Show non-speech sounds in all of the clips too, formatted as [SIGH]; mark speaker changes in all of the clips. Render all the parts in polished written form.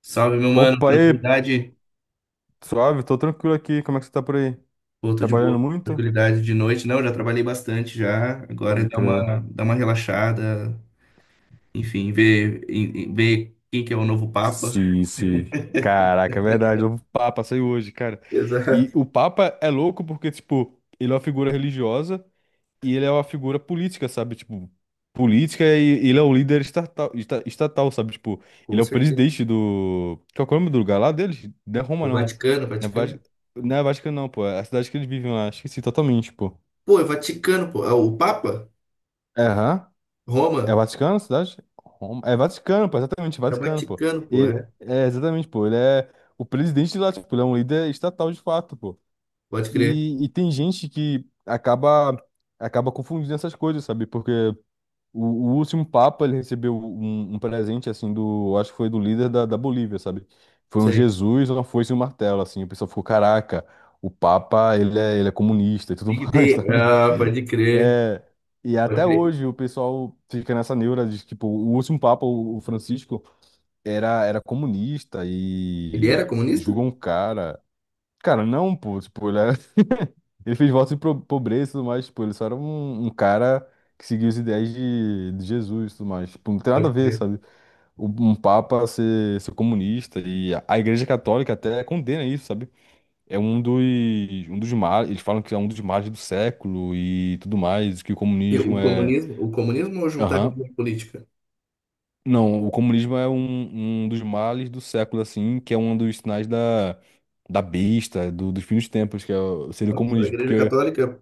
Speaker 1: Salve, meu mano,
Speaker 2: Opa, e aí,
Speaker 1: tranquilidade?
Speaker 2: suave, tô tranquilo aqui. Como é que você tá por aí?
Speaker 1: Pô, tô de
Speaker 2: Trabalhando
Speaker 1: boa.
Speaker 2: muito?
Speaker 1: Tranquilidade de noite. Não, já trabalhei bastante já. Agora é
Speaker 2: Pode
Speaker 1: dar
Speaker 2: crer.
Speaker 1: uma, dar uma relaxada. Enfim, ver, ver quem que é o novo Papa. [LAUGHS]
Speaker 2: Sim, sim. Caraca, é verdade. O Papa saiu hoje, cara. E
Speaker 1: Exato,
Speaker 2: o Papa é louco porque, tipo, ele é uma figura religiosa e ele é uma figura política, sabe? Tipo, política e ele é o líder estatal, estatal, sabe? Tipo, ele
Speaker 1: com
Speaker 2: é o
Speaker 1: certeza.
Speaker 2: presidente do. Qual que é o nome do lugar lá deles? Não é Roma,
Speaker 1: O
Speaker 2: não.
Speaker 1: Vaticano,
Speaker 2: Não é Vati-
Speaker 1: Vaticano.
Speaker 2: não é Vaticano, não, pô. É a cidade que eles vivem lá. Esqueci totalmente, pô.
Speaker 1: Pô, é Vaticano, pô. É o Papa?
Speaker 2: Aham. É
Speaker 1: Roma?
Speaker 2: Vaticano, a cidade? Roma? É Vaticano, pô, exatamente,
Speaker 1: É o
Speaker 2: Vaticano, pô.
Speaker 1: Vaticano, pô,
Speaker 2: E,
Speaker 1: é.
Speaker 2: é, exatamente, pô, ele é o presidente de lá, tipo, ele é um líder estatal de fato, pô.
Speaker 1: Pode crer.
Speaker 2: E tem gente que acaba, acaba confundindo essas coisas, sabe? Porque o último Papa, ele recebeu um presente, assim, do, acho que foi do líder da Bolívia, sabe? Foi um
Speaker 1: Sei.
Speaker 2: Jesus, uma foice e um martelo, assim. O pessoal ficou, caraca, o Papa, ele é comunista e tudo [LAUGHS]
Speaker 1: Big
Speaker 2: mais,
Speaker 1: Day.
Speaker 2: sabe?
Speaker 1: Ah, pode crer.
Speaker 2: É, e
Speaker 1: Pode
Speaker 2: até
Speaker 1: crer.
Speaker 2: hoje o pessoal fica nessa neura de, tipo, o último Papa, o Francisco, era comunista
Speaker 1: Ele era
Speaker 2: e
Speaker 1: comunista?
Speaker 2: julgou um cara. Cara, não, pô, tipo, ele fez voto de pobreza e tudo mais, tipo, ele só era um cara que seguia os ideais de Jesus e tudo mais. Tipo, não tem nada
Speaker 1: Pode
Speaker 2: a ver,
Speaker 1: crer.
Speaker 2: sabe? Um papa ser comunista e a Igreja Católica até condena isso, sabe? É um dos, um dos males, eles falam que é um dos males do século e tudo mais, que o
Speaker 1: E o
Speaker 2: comunismo é...
Speaker 1: comunismo, o comunismo ou juntar
Speaker 2: Aham.
Speaker 1: religião e política?
Speaker 2: Não, o comunismo é um dos males do século, assim, que é um dos sinais da besta, do, dos fins dos tempos, que é, seria o
Speaker 1: Nossa, a
Speaker 2: comunismo,
Speaker 1: Igreja
Speaker 2: porque...
Speaker 1: Católica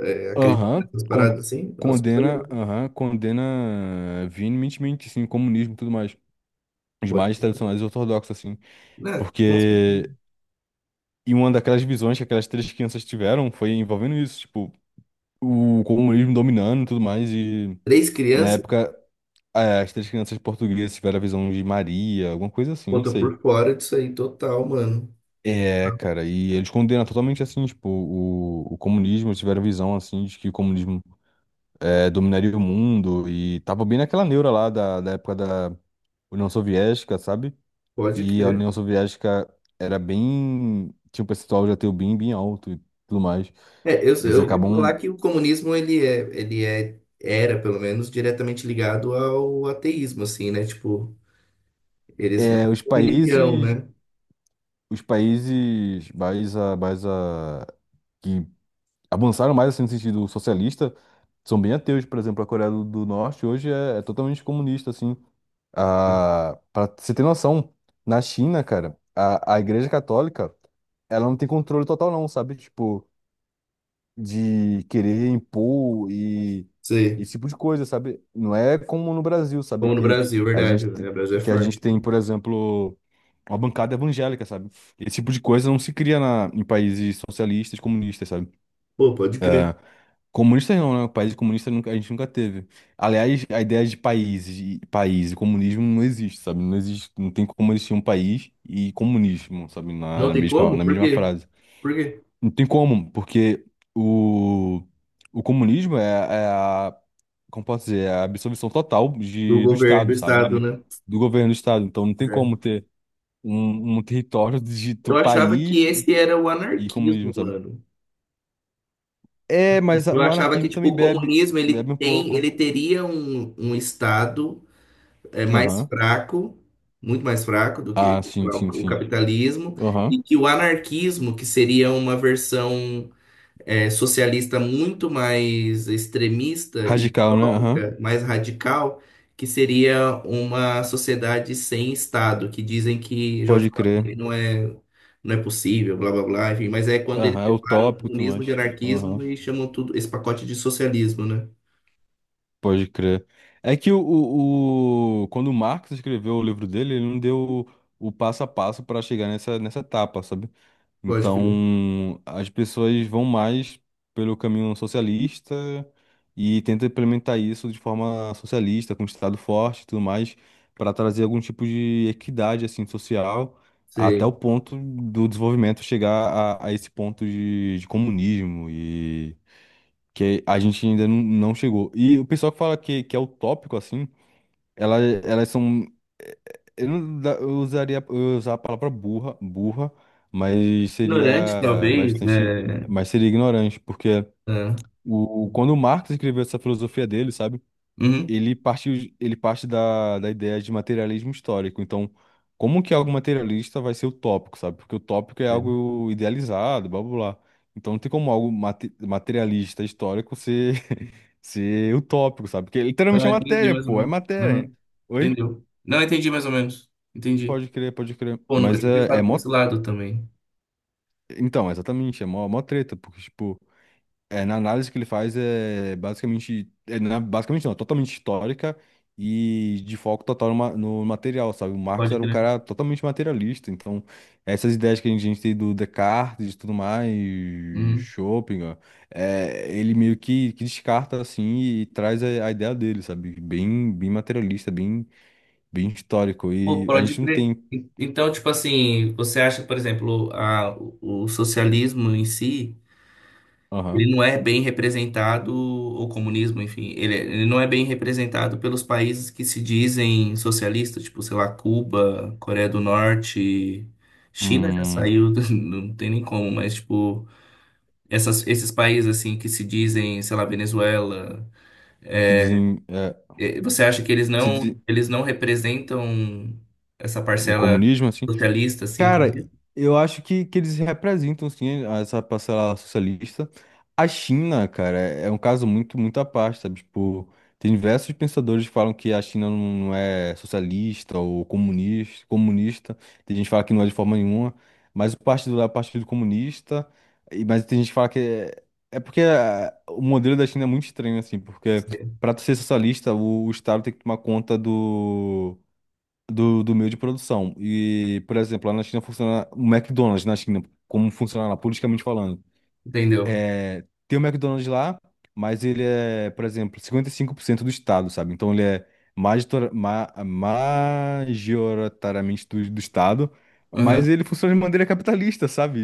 Speaker 1: é, acredito
Speaker 2: Aham,
Speaker 1: nessas paradas assim? Nossa, não sabia
Speaker 2: condena,
Speaker 1: não.
Speaker 2: aham, condena veementemente, sim, o comunismo e tudo mais. Os
Speaker 1: Pô,
Speaker 2: mais tradicionais ortodoxos, assim.
Speaker 1: né? Com certeza.
Speaker 2: Porque, e uma daquelas visões que aquelas três crianças tiveram foi envolvendo isso, tipo, o comunismo dominando e tudo mais. E,
Speaker 1: Três
Speaker 2: na
Speaker 1: crianças?
Speaker 2: época, é, as três crianças portuguesas tiveram a visão de Maria, alguma coisa assim,
Speaker 1: Pô,
Speaker 2: não
Speaker 1: tô
Speaker 2: sei.
Speaker 1: por fora disso aí total, mano.
Speaker 2: É, cara, e eles condenam totalmente, assim, tipo, o comunismo, eles tiveram a visão, assim, de que o comunismo é, dominaria o mundo e tava bem naquela neura lá da época da União Soviética, sabe?
Speaker 1: Pode
Speaker 2: E a
Speaker 1: crer.
Speaker 2: União Soviética era bem, tinha um percentual de ateu bem, bem alto e tudo mais.
Speaker 1: É, eu,
Speaker 2: Eles
Speaker 1: eu ouvi falar
Speaker 2: acabam,
Speaker 1: que o comunismo, ele era, pelo menos, diretamente ligado ao ateísmo, assim, né? Tipo, eles não
Speaker 2: é,
Speaker 1: são religião, né?
Speaker 2: os países que avançaram mais assim, no sentido socialista são bem ateus, por exemplo, a Coreia do Norte hoje é totalmente comunista, assim. Ah, pra você ter noção, na China, cara, a Igreja Católica, ela não tem controle total não, sabe? Tipo, de querer impor e
Speaker 1: Sim.
Speaker 2: esse tipo de coisa, sabe? Não é como no Brasil, sabe?
Speaker 1: Como no
Speaker 2: Que
Speaker 1: Brasil,
Speaker 2: a
Speaker 1: verdade,
Speaker 2: gente, te-
Speaker 1: né? O Brasil é
Speaker 2: que a gente
Speaker 1: forte,
Speaker 2: tem,
Speaker 1: né?
Speaker 2: por exemplo, uma bancada evangélica, sabe? Esse tipo de coisa não se cria na, em países socialistas, comunistas, sabe?
Speaker 1: Pô, pode crer.
Speaker 2: Comunistas não, né? O país comunista nunca, a gente nunca teve. Aliás, a ideia de países e país e comunismo não existe, sabe? Não existe, não tem como existir um país e comunismo, sabe? Na,
Speaker 1: Não
Speaker 2: na
Speaker 1: tem
Speaker 2: mesma,
Speaker 1: como?
Speaker 2: na
Speaker 1: Por
Speaker 2: mesma
Speaker 1: quê?
Speaker 2: frase.
Speaker 1: Por quê?
Speaker 2: Não tem como, porque o, o comunismo como posso dizer, é a absorção total
Speaker 1: Do
Speaker 2: do
Speaker 1: governo,
Speaker 2: Estado,
Speaker 1: do Estado,
Speaker 2: sabe?
Speaker 1: né?
Speaker 2: Do governo do Estado. Então não tem como
Speaker 1: É.
Speaker 2: ter um território do
Speaker 1: Eu achava que
Speaker 2: país
Speaker 1: esse era o
Speaker 2: e
Speaker 1: anarquismo,
Speaker 2: comunismo, sabe?
Speaker 1: mano.
Speaker 2: É, mas
Speaker 1: Eu
Speaker 2: o
Speaker 1: achava que
Speaker 2: anarquismo
Speaker 1: tipo
Speaker 2: também
Speaker 1: o
Speaker 2: bebe,
Speaker 1: comunismo
Speaker 2: bebe
Speaker 1: ele
Speaker 2: um
Speaker 1: tem, ele
Speaker 2: pouco.
Speaker 1: teria um, um estado é, mais
Speaker 2: Aham.
Speaker 1: fraco, muito mais fraco do que
Speaker 2: Ah,
Speaker 1: sei
Speaker 2: sim,
Speaker 1: lá,
Speaker 2: sim,
Speaker 1: o
Speaker 2: sim.
Speaker 1: capitalismo,
Speaker 2: Aham.
Speaker 1: e que o anarquismo, que seria uma versão é, socialista muito mais extremista e
Speaker 2: Radical, né? Aham.
Speaker 1: utópica, mais radical, que seria uma sociedade sem Estado, que dizem que, já ouvi
Speaker 2: Pode
Speaker 1: falar,
Speaker 2: crer.
Speaker 1: que não é, não é possível, blá blá blá, enfim, mas é quando eles
Speaker 2: Aham, é
Speaker 1: separam
Speaker 2: utópico e tudo
Speaker 1: comunismo de
Speaker 2: mais. Aham.
Speaker 1: anarquismo e chamam tudo esse pacote de socialismo, né?
Speaker 2: Pode crer. É que quando o Marx escreveu o livro dele, ele não deu o passo a passo para chegar nessa etapa, sabe?
Speaker 1: Pode crer.
Speaker 2: Então, as pessoas vão mais pelo caminho socialista e tentam implementar isso de forma socialista, com Estado forte e tudo mais, para trazer algum tipo de equidade assim social, até o
Speaker 1: Sei.
Speaker 2: ponto do desenvolvimento chegar a esse ponto de comunismo e que a gente ainda não chegou. E o pessoal que fala que é utópico assim, elas são. eh, Eu não da- eu usaria. Eu ia usar a palavra burra, burra, mas seria
Speaker 1: Ignorante, talvez,
Speaker 2: bastante.
Speaker 1: né?
Speaker 2: Mas seria ignorante, porque
Speaker 1: Ah,
Speaker 2: quando o Marx escreveu essa filosofia dele, sabe?
Speaker 1: uhum.
Speaker 2: Ele parte da ideia de materialismo histórico. Então, como que algo materialista vai ser utópico, sabe? Porque o tópico é
Speaker 1: É.
Speaker 2: algo idealizado, blá blá blá. Então, não tem como algo materialista histórico ser, [LAUGHS] ser utópico, sabe? Porque é literalmente
Speaker 1: Ah,
Speaker 2: é
Speaker 1: entendi
Speaker 2: matéria,
Speaker 1: mais ou
Speaker 2: pô, é
Speaker 1: menos.
Speaker 2: matéria.
Speaker 1: Uhum.
Speaker 2: Oi?
Speaker 1: Entendeu? Não, entendi mais ou menos. Entendi.
Speaker 2: Pode crer, pode crer.
Speaker 1: Pô, nunca
Speaker 2: Mas
Speaker 1: tinha
Speaker 2: é
Speaker 1: pensado por
Speaker 2: mó.
Speaker 1: esse lado também.
Speaker 2: Então, exatamente, é mó, mó treta, porque, tipo, é, na análise que ele faz é basicamente. Basicamente não, é totalmente histórica e de foco total no material, sabe? O Marx
Speaker 1: Pode
Speaker 2: era um
Speaker 1: crer.
Speaker 2: cara totalmente materialista, então essas ideias que a gente tem do Descartes e tudo mais,
Speaker 1: Uhum.
Speaker 2: Schopenhauer, é, ele meio que descarta, assim, e traz a ideia dele, sabe? Bem, bem materialista, bem, bem histórico.
Speaker 1: Pô,
Speaker 2: E a
Speaker 1: pode
Speaker 2: gente não
Speaker 1: crer.
Speaker 2: tem.
Speaker 1: E então, tipo assim, você acha, por exemplo, a, o socialismo em si, ele
Speaker 2: Aham.
Speaker 1: não é bem representado, o comunismo, enfim, ele não é bem representado pelos países que se dizem socialistas, tipo, sei lá, Cuba, Coreia do Norte, China já
Speaker 2: Hum,
Speaker 1: saiu, [LAUGHS] não tem nem como, mas, tipo, essas, esses países, assim, que se dizem, sei lá, Venezuela.
Speaker 2: se dizem, é,
Speaker 1: Eh, você acha que eles
Speaker 2: se
Speaker 1: não,
Speaker 2: di-
Speaker 1: eles não representam essa
Speaker 2: o
Speaker 1: parcela
Speaker 2: comunismo, assim.
Speaker 1: socialista, assim, como
Speaker 2: Cara, eu acho que eles representam, sim, essa parcela socialista. A China, cara, é um caso muito, muito à parte, sabe? Tipo, tem diversos pensadores que falam que a China não é socialista ou comunista, comunista. Tem gente que fala que não é de forma nenhuma, mas o partido lá é o Partido Comunista. Mas tem gente que fala que é, é porque ah, o modelo da China é muito estranho, assim, porque
Speaker 1: você
Speaker 2: para ser socialista, o Estado tem que tomar conta do meio de produção. E, por exemplo, lá na China funciona o McDonald's na China, como funciona lá, politicamente falando.
Speaker 1: entendeu?
Speaker 2: É, tem o McDonald's lá, mas ele é, por exemplo, 55% do estado, sabe? Então ele é major, ma, majoritariamente do estado,
Speaker 1: Aham,
Speaker 2: mas ele funciona de maneira capitalista, sabe?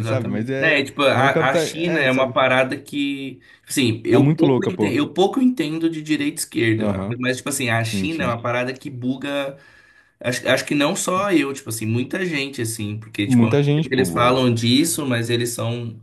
Speaker 2: E, sabe? Mas é,
Speaker 1: É, tipo, a China
Speaker 2: é,
Speaker 1: é uma
Speaker 2: sabe?
Speaker 1: parada que, assim,
Speaker 2: É muito louca, pô.
Speaker 1: eu pouco entendo de direita e esquerda,
Speaker 2: Aham,
Speaker 1: mas, tipo assim, a
Speaker 2: sim,
Speaker 1: China é uma
Speaker 2: sim.
Speaker 1: parada que buga, acho, acho que não só eu, tipo assim, muita gente, assim, porque, tipo,
Speaker 2: Muita gente,
Speaker 1: eles
Speaker 2: pô.
Speaker 1: falam disso, mas eles são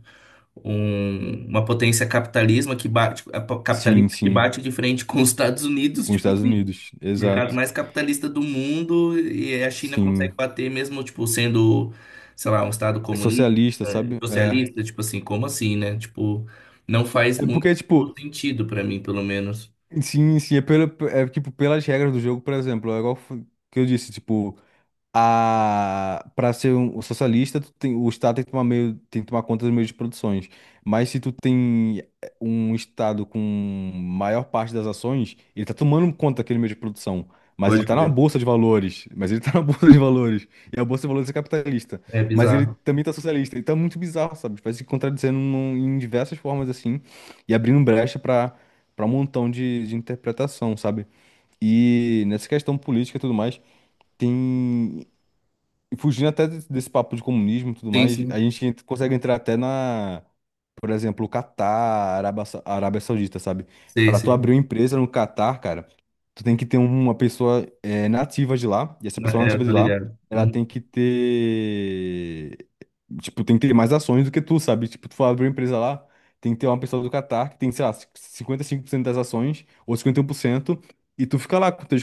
Speaker 1: uma potência capitalismo que bate,
Speaker 2: Sim,
Speaker 1: capitalista que
Speaker 2: sim.
Speaker 1: bate de frente com os Estados Unidos,
Speaker 2: Com os
Speaker 1: tipo
Speaker 2: Estados
Speaker 1: assim,
Speaker 2: Unidos,
Speaker 1: o mercado
Speaker 2: exato.
Speaker 1: mais capitalista do mundo, e a China consegue
Speaker 2: Sim.
Speaker 1: bater mesmo, tipo, sendo, sei lá, um estado
Speaker 2: É
Speaker 1: comunista,
Speaker 2: socialista,
Speaker 1: eh,
Speaker 2: sabe? É.
Speaker 1: socialista, tipo assim, como assim, né? Tipo, não faz
Speaker 2: É
Speaker 1: muito
Speaker 2: porque, tipo,
Speaker 1: sentido pra mim, pelo menos.
Speaker 2: sim, sim, é, pela, é tipo, pelas regras do jogo, por exemplo, que eu disse, tipo, a para ser um socialista, tu tem, o Estado tem que tomar meio, tem que tomar conta dos meios de produções. Mas se tu tem um Estado com maior parte das ações, ele tá tomando conta daquele meio de produção. Mas ele
Speaker 1: Pode
Speaker 2: tá na
Speaker 1: crer.
Speaker 2: bolsa de valores. Mas ele tá na [LAUGHS] bolsa de valores. E a bolsa de valores é capitalista.
Speaker 1: É
Speaker 2: Mas ele
Speaker 1: bizarro.
Speaker 2: também tá socialista. Então é muito bizarro, sabe? Vai se contradizendo em diversas formas assim. E abrindo brecha para um montão de interpretação, sabe? E nessa questão política e tudo mais. Tem. E fugindo até desse papo de comunismo e tudo
Speaker 1: Sim,
Speaker 2: mais, a
Speaker 1: sim.
Speaker 2: gente consegue entrar até na, por exemplo, o Catar, Arábia Saudita, sabe?
Speaker 1: Sei,
Speaker 2: Para tu
Speaker 1: sei.
Speaker 2: abrir uma empresa no Catar, cara, tu tem que ter uma pessoa nativa de lá, e essa pessoa
Speaker 1: É, eu
Speaker 2: nativa
Speaker 1: tô
Speaker 2: de lá,
Speaker 1: ligado.
Speaker 2: ela tem
Speaker 1: Uhum.
Speaker 2: que ter, tipo, tem que ter mais ações do que tu, sabe? Tipo, tu for abrir uma empresa lá, tem que ter uma pessoa do Catar que tem, sei lá, 55% das ações, ou 51% e tu fica lá com teus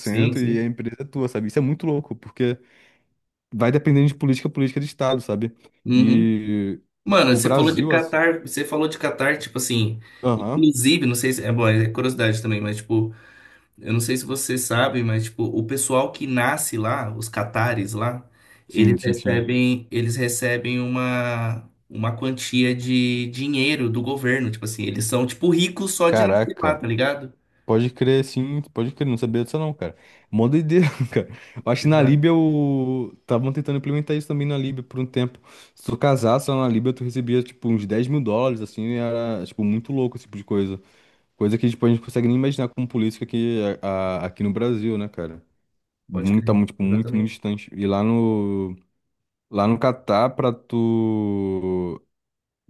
Speaker 1: Sim,
Speaker 2: e 9% e a
Speaker 1: sim.
Speaker 2: empresa é tua, sabe? Isso é muito louco, porque vai dependendo de política, política de Estado, sabe?
Speaker 1: Uhum.
Speaker 2: E
Speaker 1: Mano,
Speaker 2: o
Speaker 1: você falou de
Speaker 2: Brasil, assim.
Speaker 1: Catar, você falou de Catar, tipo assim,
Speaker 2: Aham.
Speaker 1: inclusive, não sei se, é bom, é curiosidade também, mas tipo, eu não sei se você sabe, mas tipo, o pessoal que nasce lá, os catares lá,
Speaker 2: Sim,
Speaker 1: eles
Speaker 2: sim, sim.
Speaker 1: recebem, eles recebem uma quantia de dinheiro do governo, tipo assim, eles são tipo ricos só de nascer lá,
Speaker 2: Caraca.
Speaker 1: tá ligado?
Speaker 2: Pode crer, sim, pode crer. Não sabia disso, não, cara. Mó doideira, [LAUGHS] cara. Eu acho que na
Speaker 1: Exato,
Speaker 2: Líbia o... estavam tentando implementar isso também na Líbia por um tempo. Se tu casasse lá na Líbia, tu recebia, tipo, uns US$ 10.000, assim, e era, tipo, muito louco esse tipo de coisa. Coisa que, tipo, a gente consegue nem imaginar como política aqui, aqui no Brasil, né, cara?
Speaker 1: pode
Speaker 2: Muito, tá
Speaker 1: crer.
Speaker 2: muito, tipo, muito, muito
Speaker 1: Exatamente.
Speaker 2: distante. E lá no Catar, pra tu,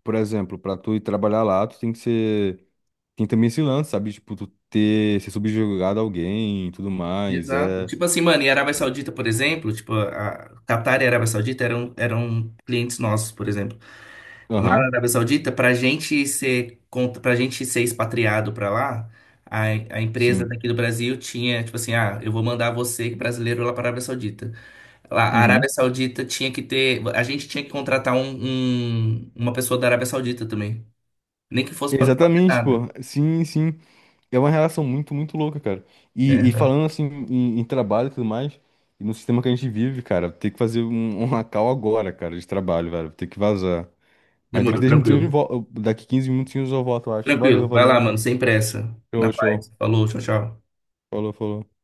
Speaker 2: por exemplo, pra tu ir trabalhar lá, tu tem que ser, tem também esse lance, sabe? Tipo, tu ter, ser subjugado a alguém e tudo mais,
Speaker 1: Exato.
Speaker 2: é...
Speaker 1: Tipo assim, mano, e Arábia Saudita, por exemplo, tipo, a Catar e a Arábia Saudita eram clientes nossos, por exemplo. Lá na
Speaker 2: Aham,
Speaker 1: Arábia Saudita, para gente ser expatriado para lá, a, a empresa
Speaker 2: sim.
Speaker 1: daqui do Brasil tinha, tipo assim, ah, eu vou mandar você, brasileiro, lá para a Arábia Saudita. Lá, a Arábia
Speaker 2: Uhum.
Speaker 1: Saudita tinha que ter, a gente tinha que contratar um, uma pessoa da Arábia Saudita também. Nem que fosse para não fazer
Speaker 2: Exatamente,
Speaker 1: nada.
Speaker 2: pô. Sim, sim. É uma relação muito, muito louca, cara. E,
Speaker 1: É,
Speaker 2: e
Speaker 1: tá.
Speaker 2: falando assim em trabalho e tudo mais, e no sistema que a gente vive, cara, tem que fazer um call agora, cara, de trabalho, velho. Tem que vazar. Mas daqui
Speaker 1: Demorou,
Speaker 2: 10 minutinhos,
Speaker 1: tranquilo.
Speaker 2: daqui 15 minutinhos eu volto, eu acho.
Speaker 1: Tranquilo.
Speaker 2: Valeu,
Speaker 1: Vai lá,
Speaker 2: valeu.
Speaker 1: mano, sem pressa. Na
Speaker 2: Show,
Speaker 1: paz.
Speaker 2: show.
Speaker 1: Falou, tchau, tchau.
Speaker 2: Falou, falou.